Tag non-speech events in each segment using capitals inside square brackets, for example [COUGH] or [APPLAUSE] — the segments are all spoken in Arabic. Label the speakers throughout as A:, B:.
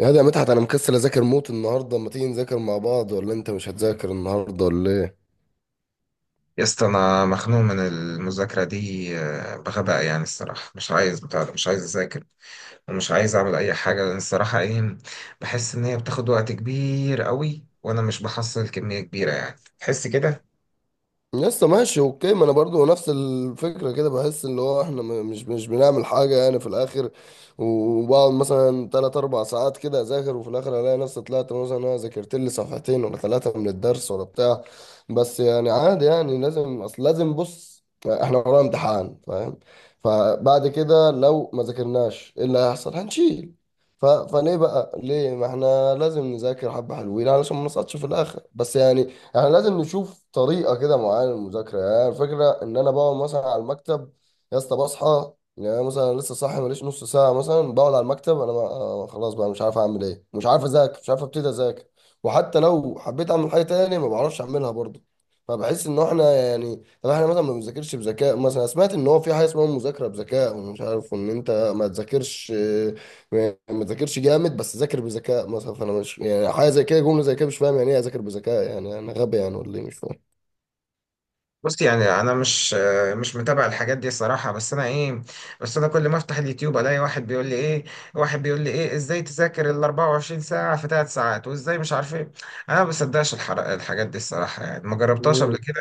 A: يا ده، يا مدحت، انا مكسل اذاكر موت النهارده، ما تيجي نذاكر مع بعض؟ ولا انت مش هتذاكر النهارده ولا ايه؟
B: يا اسطى انا مخنوق من المذاكره دي، بغباء يعني. الصراحه مش عايز بتاع ده، مش عايز اذاكر ومش عايز اعمل اي حاجه، لان الصراحه ايه؟ بحس ان هي بتاخد وقت كبير قوي وانا مش بحصل كميه كبيره. يعني تحس كده.
A: لسه ماشي. اوكي، ما انا برضو نفس الفكره كده، بحس اللي هو احنا مش بنعمل حاجه يعني في الاخر. وبقعد مثلا 3 4 ساعات كده اذاكر، وفي الاخر الاقي نفسي طلعت مثلا انا ذاكرت لي صفحتين ولا ثلاثه من الدرس ولا بتاع. بس يعني عادي، يعني لازم، اصل لازم، بص احنا ورانا امتحان، فاهم؟ فبعد كده لو ما ذاكرناش ايه اللي هيحصل؟ هنشيل. ف... فليه بقى؟ ليه، ما احنا لازم نذاكر حبه حلوين علشان ما نسقطش في الاخر، بس يعني. احنا لازم نشوف طريقه كده معينه للمذاكره، يعني الفكره ان انا بقعد مثلا على المكتب. يا اسطى، بصحى يعني أنا مثلا لسه صاحي، ماليش نص ساعه مثلا بقعد على المكتب، انا ما خلاص بقى مش عارف اعمل ايه، مش عارف اذاكر، مش عارف ابتدي اذاكر. وحتى لو حبيت اعمل حاجه تاني ما بعرفش اعملها برضه. فبحس ان احنا يعني، طب احنا مثلا ما بنذاكرش بذكاء. مثلا سمعت ان هو في حاجه اسمها مذاكره بذكاء، ومش عارف ان انت ما تذاكرش. يعني ما ذاكرش جامد بس ذاكر بذكاء مثلا. فانا مش يعني، حاجه زي كده، جمله زي كده مش فاهم يعني ايه اذاكر بذكاء. يعني انا غبي يعني ولا ايه؟ مش فاهم.
B: بص، يعني انا مش مش متابع الحاجات دي الصراحه، بس انا ايه؟ بس انا كل ما افتح اليوتيوب الاقي واحد بيقول لي ايه، واحد بيقول لي ايه ازاي تذاكر ال 24 ساعه في 3 ساعات، وازاي مش عارف ايه. انا ما بصدقش الحاجات دي الصراحه، يعني ما جربتهاش قبل
A: مم.
B: كده.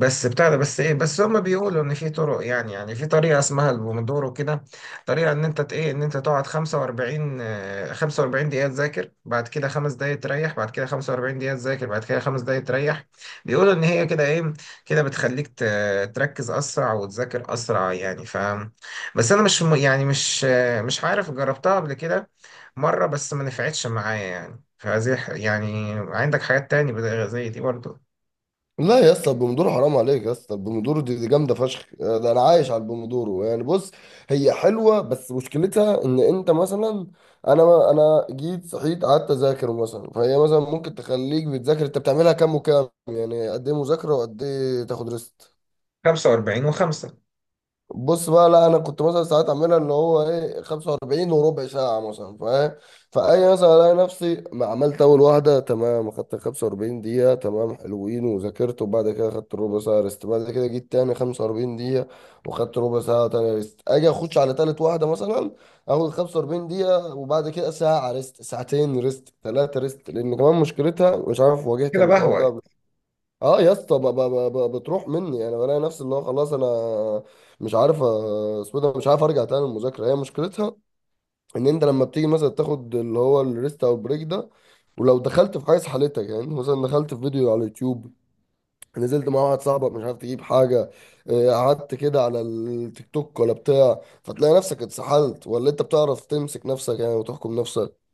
B: بس بتاع ده، بس ايه، بس هما بيقولوا ان في طرق. يعني في طريقه اسمها البومودورو كده. طريقه ان انت ايه، ان انت تقعد 45، 45 دقيقه تذاكر، بعد كده خمس دقائق تريح، بعد كده 45 دقيقه تذاكر، بعد كده خمس دقائق تريح. بيقولوا ان هي كده ايه، كده بتخليك تركز اسرع وتذاكر اسرع. يعني ف، بس انا مش م- يعني مش، مش عارف، جربتها قبل كده مره بس ما نفعتش معايا. يعني فزي يعني. عندك حاجات تاني زي دي برضه؟
A: لا يا اسطى، البومودورو حرام عليك يا اسطى، البومودورو دي جامده فشخ، ده انا عايش على البومودورو يعني. بص، هي حلوه بس مشكلتها ان انت مثلا. انا جيت صحيت قعدت اذاكر مثلا، فهي مثلا ممكن تخليك بتذاكر. انت بتعملها كام وكام يعني؟ قد ايه مذاكره وقد ايه تاخد ريست؟
B: 45 و5؟
A: بص بقى، لا انا كنت مثلا ساعات اعملها اللي هو ايه، 45 وربع ساعه مثلا، فاهم؟ فاي مثلا الاقي نفسي ما عملت اول واحده تمام، اخدت 45 دقيقه تمام، حلوين، وذاكرت، وبعد كده اخدت ربع ساعه ريست، بعد كده جيت تاني 45 دقيقه. واخدت ربع ساعه تاني ريست، اجي اخش على تالت واحده مثلا. اخد 45 دقيقه، وبعد كده ساعه ريست، ساعتين ريست، ثلاثه ريست، لان كمان مشكلتها، مش عارف واجهت
B: كده بقى
A: الحوار
B: هو.
A: ده. اه يا اسطى، بتروح مني، انا بلاقي نفسي اللي هو خلاص انا. مش عارف اسمه إيه ده؟ مش عارف ارجع تاني. المذاكره هي مشكلتها ان انت لما بتيجي مثلا تاخد اللي هو الريست او البريك ده، ولو دخلت في حاجه سحلتك، يعني مثلا دخلت في فيديو على اليوتيوب، نزلت مع واحد صاحبك مش عارف تجيب حاجه، قعدت كده على التيك توك ولا بتاع، فتلاقي نفسك اتسحلت، ولا انت بتعرف تمسك نفسك يعني وتحكم نفسك.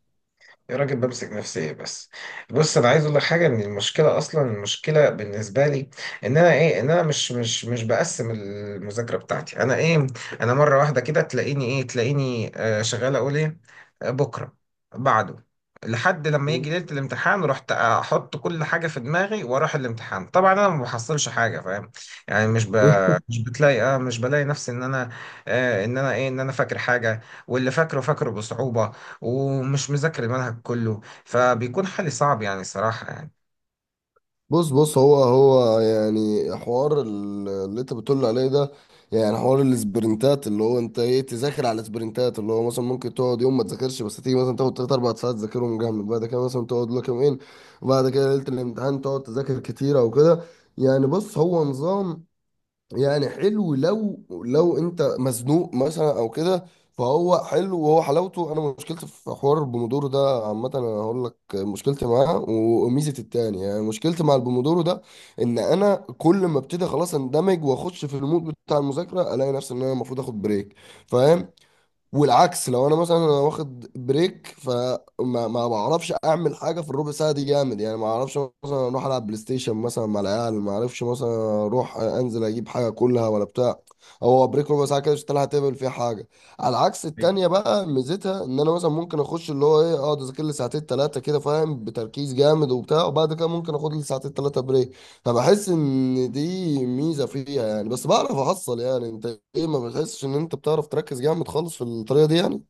B: يا راجل، بمسك نفسي إيه بس؟ بص، انا عايز اقول لك حاجه. ان المشكله اصلا، المشكله بالنسبه لي، ان انا ايه، ان انا مش بقسم المذاكره بتاعتي. انا ايه، انا مره واحده كده تلاقيني ايه، تلاقيني آه شغال اقول ايه، بكره، بعده، لحد لما يجي ليله
A: [LAUGHS]
B: الامتحان، رحت احط كل حاجه في دماغي واروح الامتحان. طبعا انا ما بحصلش حاجه، فاهم؟ يعني مش بتلاقي اه، مش بلاقي نفسي ان انا آه، ان انا ايه، ان انا فاكر حاجه، واللي فاكره فاكره بصعوبه، ومش مذاكر المنهج كله. فبيكون حالي صعب يعني، صراحة يعني.
A: بص بص، هو يعني حوار اللي انت بتقول عليه ده، يعني حوار السبرنتات، اللي هو انت ايه تذاكر على السبرنتات، اللي هو مثلا ممكن تقعد يوم ما تذاكرش، بس تيجي مثلا تاخد تلات اربع ساعات تذاكرهم جامد، بعد كده مثلا تقعد لك يومين، وبعد كده ليلة الامتحان تقعد تذاكر كتير او كده. يعني بص، هو نظام، يعني حلو لو، لو انت مزنوق مثلا او كده. فهو حلو، وهو حلاوته. انا مشكلتي في حوار البومودورو ده عامه، انا هقول لك مشكلتي معاه وميزه التاني. يعني مشكلتي مع البومودورو ده ان انا كل ما ابتدي خلاص اندمج واخش في المود بتاع المذاكره، الاقي نفسي ان انا المفروض اخد بريك، فاهم؟ والعكس، لو انا مثلا انا واخد بريك فما ما بعرفش اعمل حاجه في الربع ساعه دي جامد، يعني ما اعرفش. مثلا اروح العب بلاي ستيشن مثلا مع العيال، ما اعرفش مثلا اروح انزل اجيب حاجه كلها ولا بتاع. هو بريك ربع ساعه كده، مش هتلحق تعمل فيها حاجه. على العكس التانيه بقى، ميزتها ان انا مثلا ممكن اخش اللي هو ايه، اقعد اذاكر لي ساعتين ثلاثه كده، فاهم، بتركيز جامد وبتاع، وبعد كده ممكن اخد لي ساعتين ثلاثه بريك. فبحس ان دي ميزه فيها يعني، بس بعرف احصل يعني. انت، ايه، ما بتحسش ان انت بتعرف تركز جامد خالص في الطريقه دي يعني؟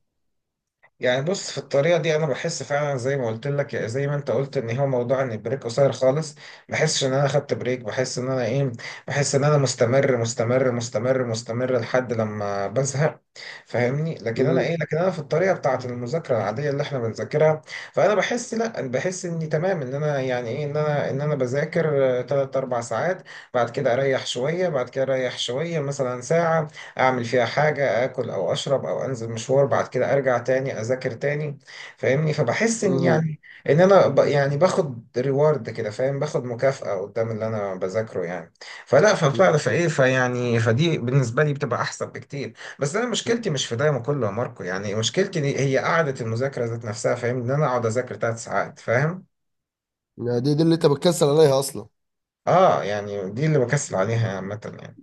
B: يعني بص، في الطريقة دي أنا بحس فعلا زي ما قلت لك، يعني زي ما أنت قلت، إن هو موضوع إن البريك قصير خالص. بحسش إن أنا خدت بريك، بحس إن أنا إيه، بحس إن أنا مستمر لحد لما بزهق. فاهمني؟ لكن أنا
A: امم.
B: إيه، لكن أنا في الطريقة بتاعة المذاكرة العادية اللي إحنا بنذاكرها، فأنا بحس لأ، بحس إني تمام، إن أنا يعني إيه، إن أنا، إن أنا بذاكر تلات أربع ساعات، بعد كده أريح شوية، بعد كده أريح شوية مثلا ساعة، اعمل فيها حاجة، اكل او اشرب او انزل مشوار، بعد كده ارجع تاني اذاكر تاني. فاهمني؟ فبحس ان
A: امم
B: يعني ان انا ب، يعني باخد ريورد كده، فاهم؟ باخد مكافأة قدام اللي انا بذاكره يعني. فلا، فبتعرف، فايه، فيعني، فدي بالنسبة لي بتبقى احسن بكتير. بس انا مشكلتي مش في ده كله يا ماركو. يعني مشكلتي دي هي قعدة المذاكرة ذات نفسها، فاهم؟ ان انا اقعد اذاكر ثلاث ساعات، فاهم؟
A: يعني دي اللي انت بتكسل عليها اصلا؟
B: اه يعني دي اللي بكسل عليها عامة يعني.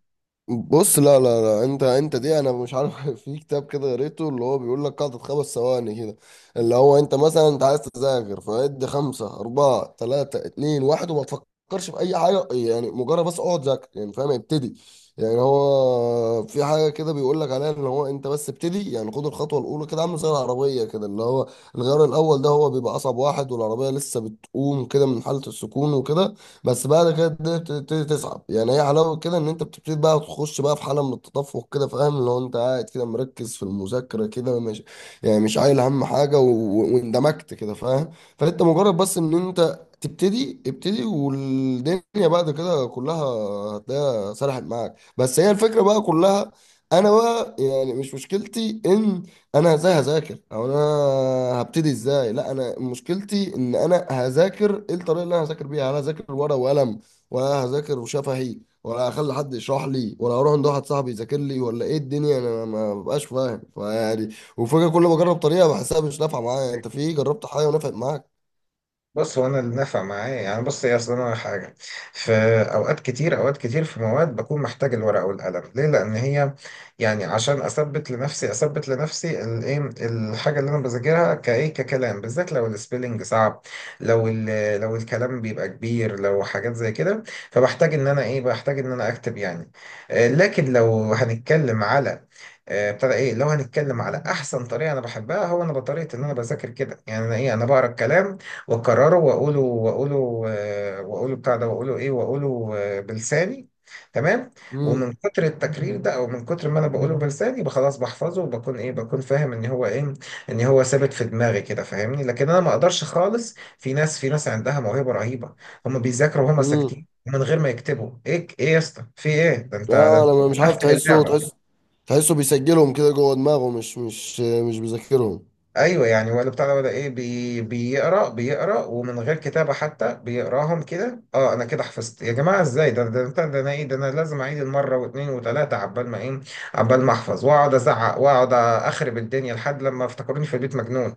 A: بص، لا لا لا، انت دي انا مش عارف. [LAUGHS] في كتاب كده قريته اللي هو بيقول لك قاعدة خمس ثواني كده، اللي هو انت مثلا انت عايز تذاكر فادي خمسة أربعة ثلاثة اتنين واحد، وما تفكرش في أي حاجة يعني، مجرد بس اقعد ذاكر يعني، فاهم، ابتدي. يعني هو في حاجة كده بيقول لك عليها اللي هو انت بس ابتدي، يعني خد الخطوة الأولى كده، عامل زي العربية كده اللي هو الغيار الأول ده هو بيبقى أصعب واحد، والعربية لسه بتقوم كده من حالة السكون وكده. بس بعد كده الدنيا بتبتدي تصعب، يعني هي حلاوه كده ان انت بتبتدي بقى تخش بقى في حاله من التدفق كده، فاهم؟ لو انت قاعد كده مركز في المذاكره كده، مش يعني مش عايل هم حاجه واندمجت كده، فاهم؟ فانت مجرد بس ان انت تبتدي ابتدي، والدنيا بعد كده كلها هتلاقيها سرحت معاك، بس هي الفكره بقى كلها. انا بقى يعني مش مشكلتي ان انا ازاي هذاكر، او انا هبتدي ازاي. لا، انا مشكلتي ان انا هذاكر ايه، الطريقه اللي انا هذاكر بيها، هل هذاكر ورقه وقلم ولا هذاكر شفهي، ولا هخلي حد يشرح لي، ولا هروح عند واحد صاحبي يذاكر لي، ولا ايه الدنيا؟ انا ما ببقاش فاهم فيعني. وفجاه كل ما اجرب طريقه بحسها مش نافعه معايا. انت، في جربت حاجه ونفعت معاك؟
B: بص، هو انا اللي نفع معايا، يعني بص يا اصل، انا حاجه، في اوقات كتير، اوقات كتير في مواد بكون محتاج الورقه والقلم. ليه؟ لان هي، يعني عشان اثبت لنفسي، اثبت لنفسي الايه، الحاجه اللي انا بذاكرها كايه، ككلام، بالذات لو السبيلنج صعب، لو الكلام بيبقى كبير، لو حاجات زي كده، فبحتاج ان انا ايه، بحتاج ان انا اكتب يعني. لكن لو هنتكلم على ابتدى ايه، لو هنتكلم على احسن طريقه انا بحبها، هو انا بطريقه ان انا بذاكر كده. يعني انا ايه، انا بقرا الكلام واكرره واقوله، واقوله بتاع ده، واقوله ايه، واقوله بلساني. تمام. ومن
A: امم.
B: كتر التكرير ده، او من كتر ما انا بقوله بلساني، يبقى خلاص بحفظه، وبكون ايه، بكون فاهم ان هو ايه، ان هو ثابت في دماغي كده. فاهمني؟ لكن انا ما اقدرش خالص. في ناس، في ناس عندها موهبة رهيبة، هم بيذاكروا وهم
A: امم.
B: ساكتين من غير ما يكتبوا ايه. ايه يا اسطى، في ايه ده؟ انت ده،
A: اه،
B: انت
A: لما مش عارف
B: بتقفل
A: تحسه، تحس
B: اللعبة!
A: تحسه بيسجلهم كده جوه دماغه، مش بيذاكرهم.
B: ايوه يعني، ولا بتاع ده، ولا ايه؟ بي بيقرا، بيقرا ومن غير كتابه حتى بيقراهم كده. اه، انا كده حفظت يا جماعه؟ ازاي ده؟ ده انا ايه، ده انا لازم اعيد المره واثنين وثلاثه عبال ما ايه، عبال ما احفظ، واقعد ازعق واقعد اخرب الدنيا لحد لما افتكروني في البيت مجنون.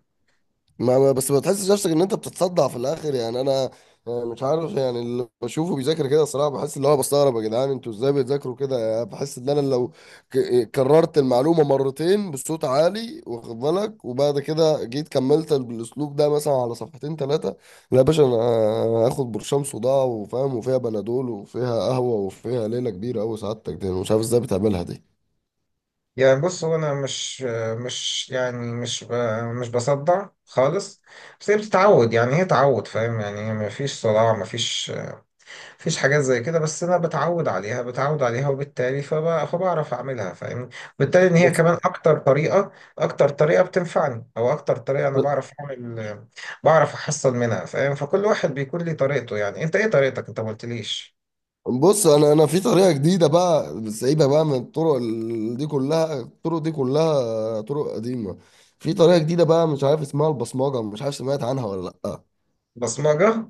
A: بس ما تحسش نفسك ان انت بتتصدع في الاخر يعني؟ انا مش عارف يعني. اللي بشوفه بيذاكر كده الصراحه، بحس اللي هو بستغرب، يا جدعان انتوا ازاي بتذاكروا كده يعني؟ بحس ان انا لو كررت المعلومه مرتين بصوت عالي، واخد بالك، وبعد كده جيت كملت بالاسلوب ده مثلا على صفحتين ثلاثه، لا يا باشا، انا هاخد برشام صداع وفاهم وفيها بنادول وفيها قهوه وفيها ليله كبيره قوي. سعادتك دي أنا مش عارف ازاي بتعملها دي.
B: يعني بص، هو انا مش، مش يعني مش، مش بصدع خالص. بس هي بتتعود، يعني هي تعود، فاهم؟ يعني ما فيش صداع، ما فيش مفيش حاجات زي كده. بس انا بتعود عليها، بتعود عليها، وبالتالي فبعرف اعملها، فاهمني؟ وبالتالي ان هي
A: بس
B: كمان اكتر طريقه، اكتر طريقه بتنفعني، او اكتر طريقه انا بعرف اعمل، بعرف احصل منها، فاهم؟ فكل واحد بيكون ليه طريقته. يعني انت ايه طريقتك؟ انت ما قلتليش.
A: بص، انا في طريقه جديده بقى، سايبه بقى من الطرق دي كلها، الطرق دي كلها طرق قديمه. في طريقه جديده بقى مش عارف اسمها البصمجه، مش عارف سمعت عنها ولا لا.
B: بصمجه؟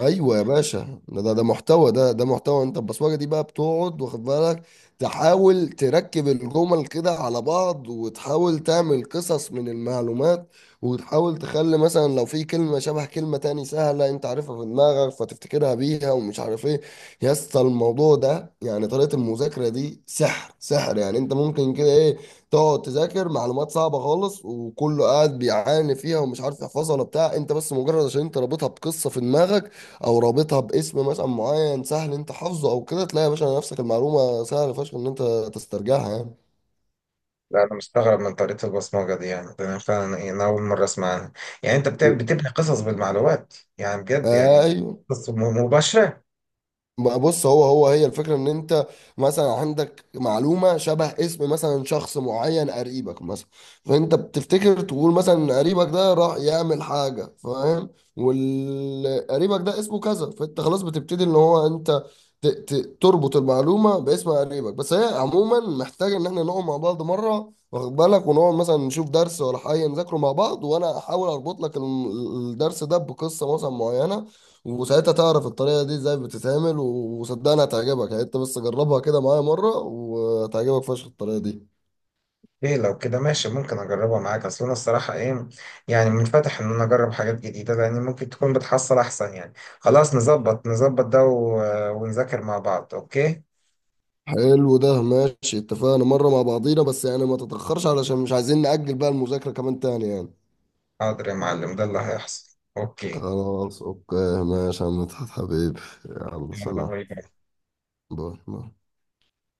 A: ايوه يا باشا، ده محتوى، ده محتوى. انت البصمجه دي بقى بتقعد، واخد بالك، تحاول تركب الجمل كده على بعض، وتحاول تعمل قصص من المعلومات، وتحاول تخلي مثلا لو في كلمه شبه كلمه تاني سهله انت عارفها في دماغك فتفتكرها بيها، ومش عارف ايه. يا اسطى، الموضوع ده يعني طريقه المذاكره دي سحر سحر، يعني انت ممكن كده ايه، تقعد تذاكر معلومات صعبه خالص وكله قاعد بيعاني فيها ومش عارف يحفظها ولا بتاع، انت بس مجرد عشان انت رابطها بقصه في دماغك، او رابطها باسم مثلا معين سهل انت حفظه او كده، تلاقي يا باشا نفسك المعلومه سهل فشخ ان انت تسترجعها يعني.
B: لا، انا مستغرب من طريقه البصمجه دي يعني. ده انا فعلا انا اول مره اسمع عنها. يعني انت بتبني قصص بالمعلومات يعني، بجد يعني؟
A: ايوه،
B: قصص مباشره؟
A: ما بص، هو هي الفكرة ان انت مثلا عندك معلومة شبه اسم مثلا شخص معين قريبك مثلا، فانت بتفتكر تقول مثلا إن قريبك ده راح يعمل حاجة، فاهم؟ والقريبك ده اسمه كذا، فانت خلاص بتبتدي ان هو انت تربط المعلومة باسم قريبك. بس هي عموما محتاجة ان احنا نقعد مع بعض مرة، واخد بالك، ونقعد مثلا نشوف درس ولا حاجة نذاكره مع بعض، وانا احاول اربط لك الدرس ده بقصة مثلا معينة، وساعتها تعرف الطريقة دي ازاي بتتعمل وصدقني هتعجبك، يعني انت بس جربها كده معايا مرة، وهتعجبك فشخ الطريقة دي.
B: ايه لو كده ماشي، ممكن اجربها معاك. اصل انا الصراحه ايه، يعني منفتح ان انا اجرب حاجات جديده، لان ممكن تكون بتحصل احسن يعني. خلاص، نظبط ده و... ونذاكر مع بعض. اوكي؟
A: حلو، ده ماشي، اتفقنا مرة مع بعضينا، بس يعني ما تتأخرش علشان مش عايزين نأجل بقى المذاكرة كمان تاني يعني.
B: حاضر يا معلم، ده اللي هيحصل. اوكي.
A: خلاص، اوكي، ماشي يا مدحت حبيبي، يلا
B: يلا،
A: سلام،
B: باي باي.
A: باي باي.